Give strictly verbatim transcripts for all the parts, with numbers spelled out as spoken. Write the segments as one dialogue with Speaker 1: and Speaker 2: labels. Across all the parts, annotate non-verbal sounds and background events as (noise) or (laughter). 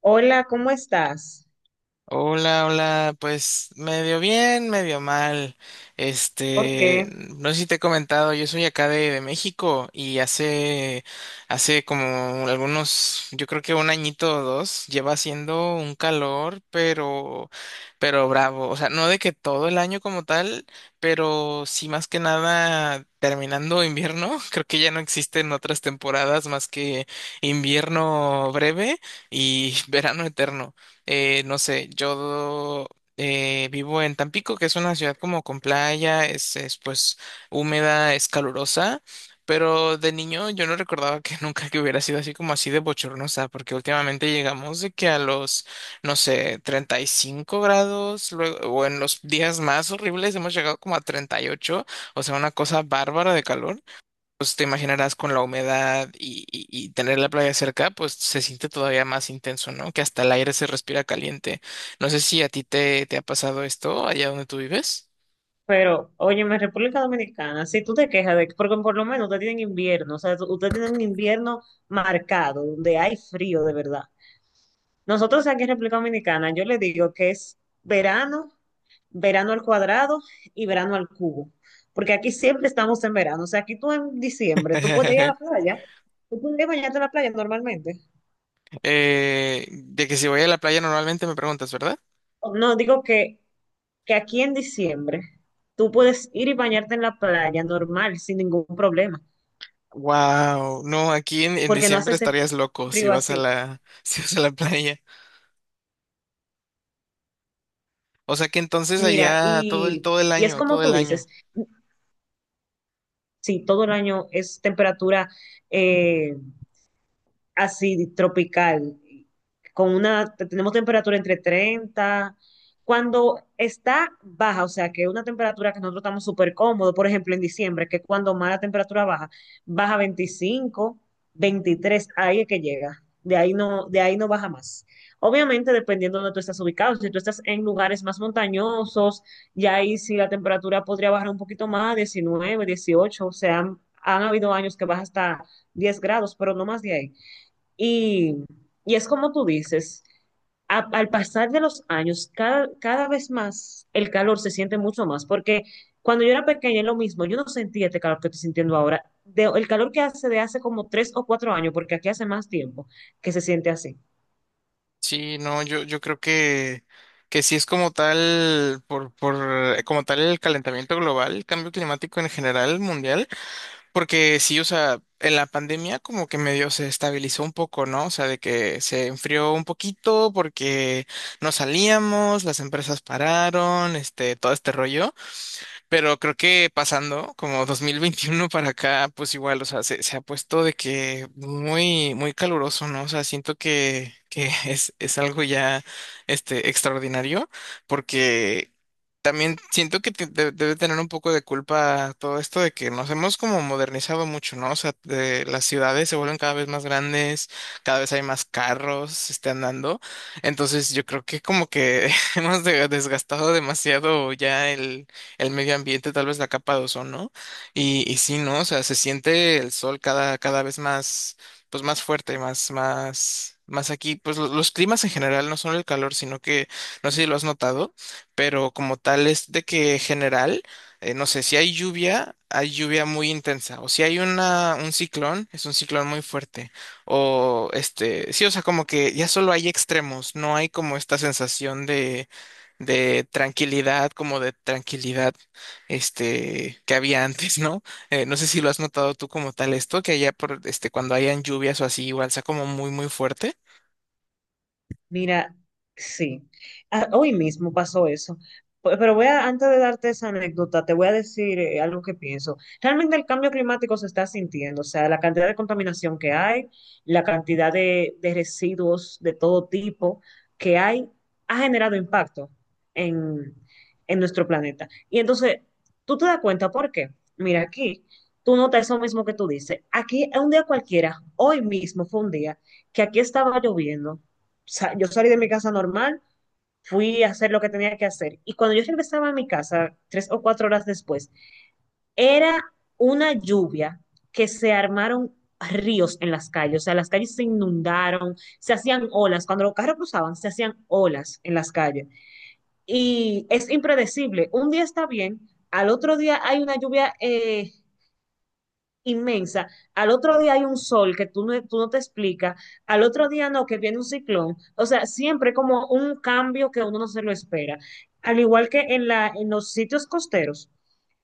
Speaker 1: Hola, ¿cómo estás?
Speaker 2: Hola, hola, pues medio bien, medio mal.
Speaker 1: ¿Por qué?
Speaker 2: Este, no sé si te he comentado, yo soy acá de, de México y hace, hace como algunos, yo creo que un añito o dos, lleva haciendo un calor, pero, pero bravo. O sea, no de que todo el año como tal, pero sí más que nada terminando invierno. (laughs) Creo que ya no existen otras temporadas más que invierno breve y (laughs) verano eterno. Eh, no sé, yo eh, vivo en Tampico, que es una ciudad como con playa, es, es, pues húmeda, es calurosa, pero de niño yo no recordaba que (laughs) nunca que hubiera sido así como así de bochornosa, porque últimamente llegamos de que a los, no sé, treinta y cinco grados, luego, o en los días más horribles hemos llegado como a treinta y ocho, o sea, una cosa bárbara de calor. Pues te imaginarás con la humedad y, y- y tener la playa cerca, pues se siente todavía más intenso, ¿no? Que hasta el aire se respira caliente. No sé si a ti te, te ha pasado esto allá donde tú vives.
Speaker 1: Pero, oye, en República Dominicana, si tú te quejas de que, porque por lo menos ustedes tienen invierno, o sea, tú- ustedes tienen un invierno marcado, donde hay frío de verdad. Nosotros aquí en República Dominicana, yo le digo que es verano, verano al cuadrado y verano al cubo, porque aquí siempre estamos en verano, o sea, aquí tú en diciembre, tú puedes ir a la
Speaker 2: (laughs)
Speaker 1: playa, tú puedes ir a bañarte a la playa normalmente.
Speaker 2: Eh, de que si voy a la playa normalmente me preguntas, ¿verdad?
Speaker 1: No, digo que que aquí en diciembre tú puedes ir y bañarte en la playa normal, sin ningún problema,
Speaker 2: Wow, no, aquí en, en
Speaker 1: porque no hace
Speaker 2: diciembre
Speaker 1: ese
Speaker 2: estarías loco si
Speaker 1: frío
Speaker 2: vas a
Speaker 1: así.
Speaker 2: la, (laughs) si vas a la playa. O sea que entonces
Speaker 1: Mira,
Speaker 2: allá todo el,
Speaker 1: y,
Speaker 2: todo el
Speaker 1: y es
Speaker 2: año,
Speaker 1: como
Speaker 2: todo
Speaker 1: tú
Speaker 2: el año.
Speaker 1: dices, sí, todo el año es temperatura eh, así tropical, con una, tenemos temperatura entre treinta cuando está baja, o sea, que una temperatura que nosotros estamos súper cómodos, por ejemplo, en diciembre, que es cuando más la temperatura baja, baja veinticinco veintitrés ahí es que llega, de ahí no, de ahí no baja más. Obviamente, dependiendo de donde tú estás ubicado, si tú estás en lugares más montañosos, ya ahí sí la temperatura podría bajar un poquito más, diecinueve dieciocho o sea, han, han habido años que baja hasta diez grados, pero no más de ahí. Y, y es como tú dices, a- al pasar de los años, cada, cada vez más el calor se siente mucho más, porque cuando yo era pequeña es lo mismo, yo no sentía este calor que estoy sintiendo ahora, de- el calor que hace de hace como tres o cuatro años, porque aquí hace más tiempo que se siente así.
Speaker 2: Sí, no, yo, yo creo que, que sí es como tal, por, por, eh, como tal el calentamiento global, el cambio climático en general mundial, porque sí, o sea, en la pandemia como que medio se estabilizó un poco, ¿no? O sea, de que se enfrió un poquito porque no salíamos, las empresas pararon, este, todo este rollo. Pero creo que pasando como dos mil veintiuno para acá, pues igual, o sea, se, se ha puesto de que muy, muy caluroso, ¿no? O sea, siento que, que (laughs) es, es algo ya, este, extraordinario, porque también siento que te- de- debe tener un poco de culpa todo esto de que nos hemos como modernizado mucho, ¿no? O sea, de- las ciudades se vuelven cada vez más grandes, cada vez hay más carros, se están dando. Entonces yo creo que como que (laughs) hemos de- desgastado demasiado ya el, el medio ambiente, tal vez la capa de ozono, ¿no? Y y sí, ¿no? O sea, se siente el sol cada, cada vez más, pues más fuerte, más, más, más aquí. Pues lo- los climas en general, no solo el calor, sino que, no sé si lo has notado, pero como tal es de que general, eh, no sé, si hay lluvia, hay lluvia muy intensa, o si hay una, un ciclón, es un ciclón muy fuerte, o este, sí, o sea, como que ya solo hay extremos, no hay como esta sensación de, de tranquilidad, como de tranquilidad, este, que había (laughs) antes, ¿no? Eh, no sé si lo has notado tú como tal esto, que allá por, este, cuando hayan lluvias o así, igual sea como muy, muy fuerte.
Speaker 1: Mira, sí. Ah, hoy mismo pasó eso. Pe- Pero voy a, antes de darte esa anécdota, te voy a decir eh, algo que pienso. Realmente el cambio climático se está sintiendo, o sea, la cantidad de contaminación que hay, la cantidad de, de residuos de todo tipo que hay, ha generado impacto en, en nuestro planeta. Y entonces, tú te das cuenta por qué. Mira, aquí, tú notas eso mismo que tú dices. Aquí, un día cualquiera, hoy mismo fue un día que aquí estaba lloviendo sa- yo salí de mi casa normal, fui a hacer lo que tenía que hacer. Y cuando yo regresaba a mi casa, tres o cuatro horas después, era una lluvia que se armaron ríos en las calles, o sea, las calles se inundaron, se hacían olas, cuando los carros cruzaban, se hacían olas en las calles. Y es impredecible, un día está bien, al otro día hay una lluvia eh, inmensa. Al otro día hay un sol que tú no, tú no te explicas. Al otro día no, que viene un ciclón. O sea, siempre como un cambio que uno no se lo espera. Al igual que en, la, en los sitios costeros,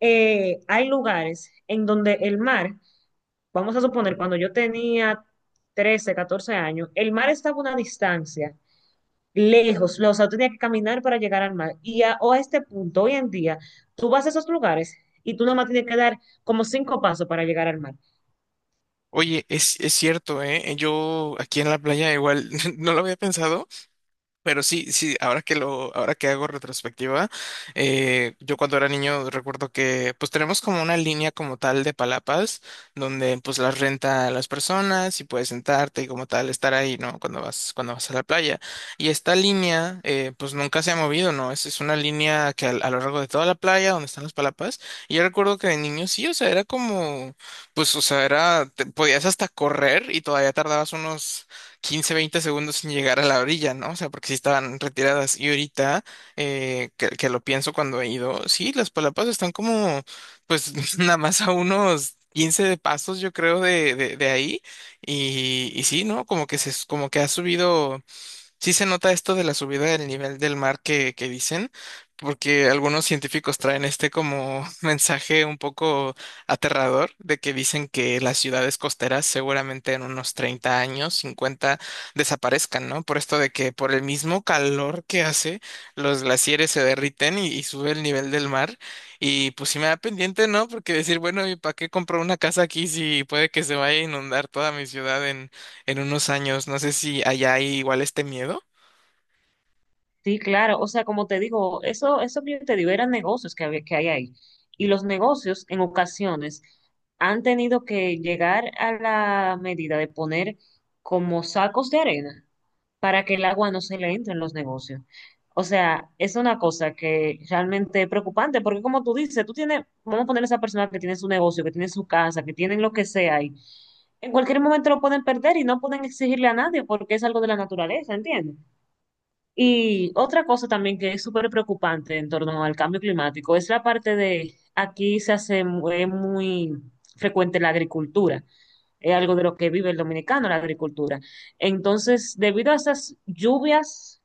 Speaker 1: eh, hay lugares en donde el mar, vamos a suponer, cuando yo tenía trece catorce años, el mar estaba a una distancia lejos, o sea, yo tenía que caminar para llegar al mar. Y a, o a este punto, hoy en día, tú vas a esos lugares y tú nomás tienes que dar como cinco pasos para llegar al mar.
Speaker 2: Oye, es, es cierto, ¿eh? Yo aquí en la playa igual (laughs) no lo había pensado, pero sí, sí, ahora que lo, ahora que hago retrospectiva, eh, yo cuando era niño recuerdo que pues tenemos como una línea como tal de palapas donde pues las renta las personas y puedes sentarte y como tal estar ahí, ¿no? Cuando vas, cuando vas a la playa. Y esta línea, eh, pues nunca se ha movido, ¿no? Es, es una línea que al- a, lo largo de toda la playa donde están las palapas. Y yo recuerdo que de niño sí, o sea, era como, pues, o sea, era, te- podías hasta correr y todavía tardabas unos quince veinte segundos sin llegar a la orilla, ¿no? O sea, porque sí estaban retiradas. Y ahorita, eh, que, que lo pienso cuando he ido, sí, las palapas están como, pues, (laughs) nada más a unos quince de pasos, yo creo, de, de, de ahí. Y y sí, ¿no? Como que se, como que ha subido, sí se nota esto de la subida del nivel del mar que, que dicen, porque algunos científicos traen este como (laughs) mensaje un poco aterrador de que dicen que las ciudades costeras seguramente en unos treinta años, cincuenta, desaparezcan, ¿no? Por esto de que por el mismo calor que hace, los glaciares se derriten y, y sube el nivel del mar. Y pues sí me da pendiente, ¿no? Porque decir, bueno, ¿y para qué compro una casa aquí si puede que se vaya a inundar toda mi ciudad en unos años? No sé si allá hay igual este miedo.
Speaker 1: Sí, claro, o sea, como te digo, eso, eso que yo te digo eran negocios que había, que hay ahí. Y los negocios en ocasiones han tenido que llegar a la medida de poner como sacos de arena para que el agua no se le entre en los negocios. O sea, es una cosa que realmente es preocupante, porque como tú dices, tú tienes, vamos a poner a esa persona que tiene su negocio, que tiene su casa, que tienen lo que sea ahí, en cualquier momento lo pueden perder y no pueden exigirle a nadie porque es algo de la naturaleza, ¿entiendes? Y otra cosa también que es súper preocupante en torno al cambio climático es la parte de, aquí se hace mu- eh, muy, frecuente la agricultura, es algo de lo que vive el dominicano, la agricultura. Entonces, debido a esas lluvias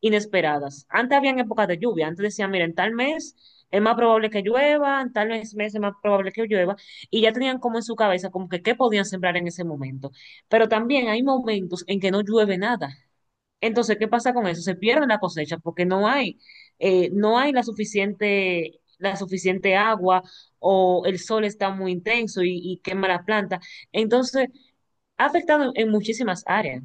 Speaker 1: inesperadas, antes habían épocas de lluvia, antes decían, mira, en tal mes es más probable que llueva, en tal mes mes es más probable que llueva, y ya tenían como en su cabeza como que qué podían sembrar en ese momento. Pero también hay momentos en que no llueve nada. Entonces, ¿qué pasa con eso? Se pierde la cosecha porque no hay, eh, no hay la suficiente, la suficiente agua o el sol está muy intenso y, y quema la planta. Entonces, ha afectado en muchísimas áreas.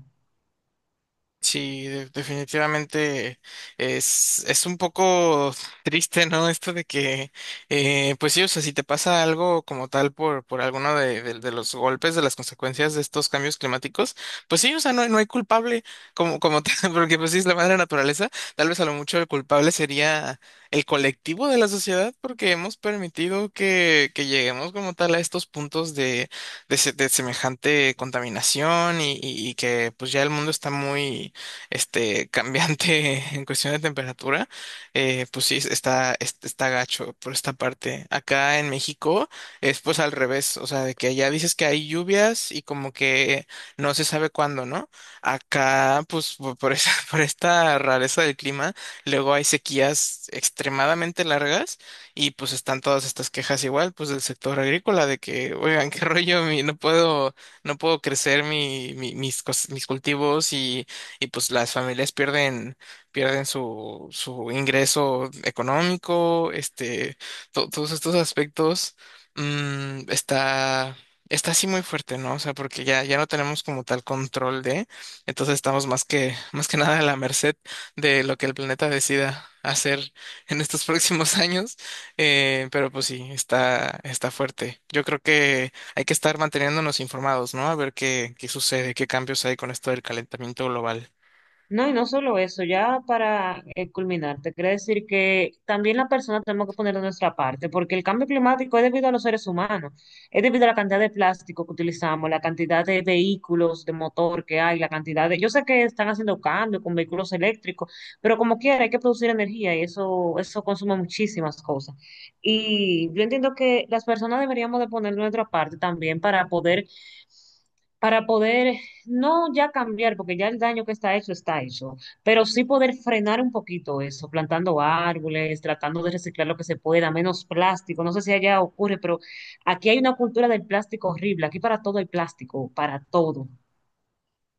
Speaker 2: Sí, de- definitivamente es, es un poco triste, ¿no? Esto de que, eh, pues sí, o sea, si te pasa algo como tal por, por alguno de, de- de los golpes, de las consecuencias de estos cambios climáticos, pues sí, o sea, no, hay- no hay culpable como, como tal, (laughs) porque pues sí es la madre naturaleza, tal vez a lo mucho el culpable sería el colectivo de la sociedad, porque hemos permitido que, que lleguemos como tal a estos puntos de de, se- de semejante contaminación y, y- y que pues ya el mundo está muy este, cambiante (laughs) en cuestión de temperatura, eh, pues sí, está, es- está gacho por esta parte. Acá en México es pues al revés, o sea, de que allá dices que hay lluvias y como que no se sabe cuándo, ¿no? Acá, pues po- por esa, (laughs) por esta rareza del clima, luego hay sequías extremadamente largas y pues están todas estas quejas igual, pues del sector agrícola, de que, oigan, (laughs) qué rollo, mi- no puedo, no puedo crecer mi, mi- mis, cos- mis cultivos y y pues las familias pierden, pierden su, su ingreso económico, este, to- todos estos aspectos, mm, está, está así muy fuerte, ¿no? O sea, porque ya, ya no tenemos como tal control de, entonces estamos más que, más que nada a la merced de lo que el planeta decida hacer en estos (laughs) próximos años. Eh, pero pues sí, está, está fuerte. Yo creo que hay que estar manteniéndonos informados, ¿no? A ver qué, qué sucede, qué cambios hay con esto del calentamiento global.
Speaker 1: No, y no solo eso, ya para eh, culminar, te quería decir que también la persona tenemos que poner de nuestra parte, porque el cambio climático es debido a los seres humanos, es debido a la cantidad de plástico que utilizamos, la cantidad de vehículos de motor que hay, la cantidad de... Yo sé que están haciendo cambios con vehículos eléctricos, pero como quiera hay que producir energía y eso, eso consume muchísimas cosas. Y yo entiendo que las personas deberíamos de poner de nuestra parte también para poder para poder, no ya cambiar, porque ya el daño que está hecho está hecho, pero sí poder frenar un poquito eso, plantando árboles, tratando de reciclar lo que se pueda, menos plástico. No sé si allá ocurre, pero aquí hay una cultura del plástico horrible. Aquí para todo hay plástico, para todo.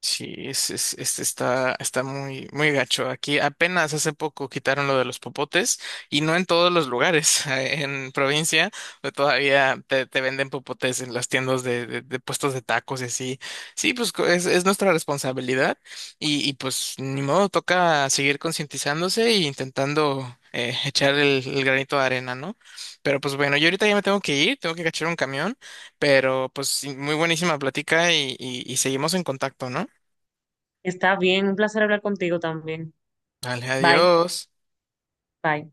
Speaker 2: Sí, es, es- es- está, está muy, muy gacho. Aquí apenas hace poco quitaron lo de los popotes y no en todos los lugares. (laughs) En provincia pues, todavía te, te venden popotes en las tiendas de, de- de puestos de tacos y así. Sí, pues co- es, es nuestra responsabilidad y, y, pues ni modo, toca seguir concientizándose e intentando, eh, echar el, el granito de arena, ¿no? Pero pues bueno, yo ahorita ya me tengo que ir, tengo que cachar un camión, pero pues sí, muy buenísima plática y y- y seguimos en contacto, ¿no?
Speaker 1: Está bien, un placer hablar contigo también.
Speaker 2: Dale,
Speaker 1: Bye,
Speaker 2: adiós.
Speaker 1: bye.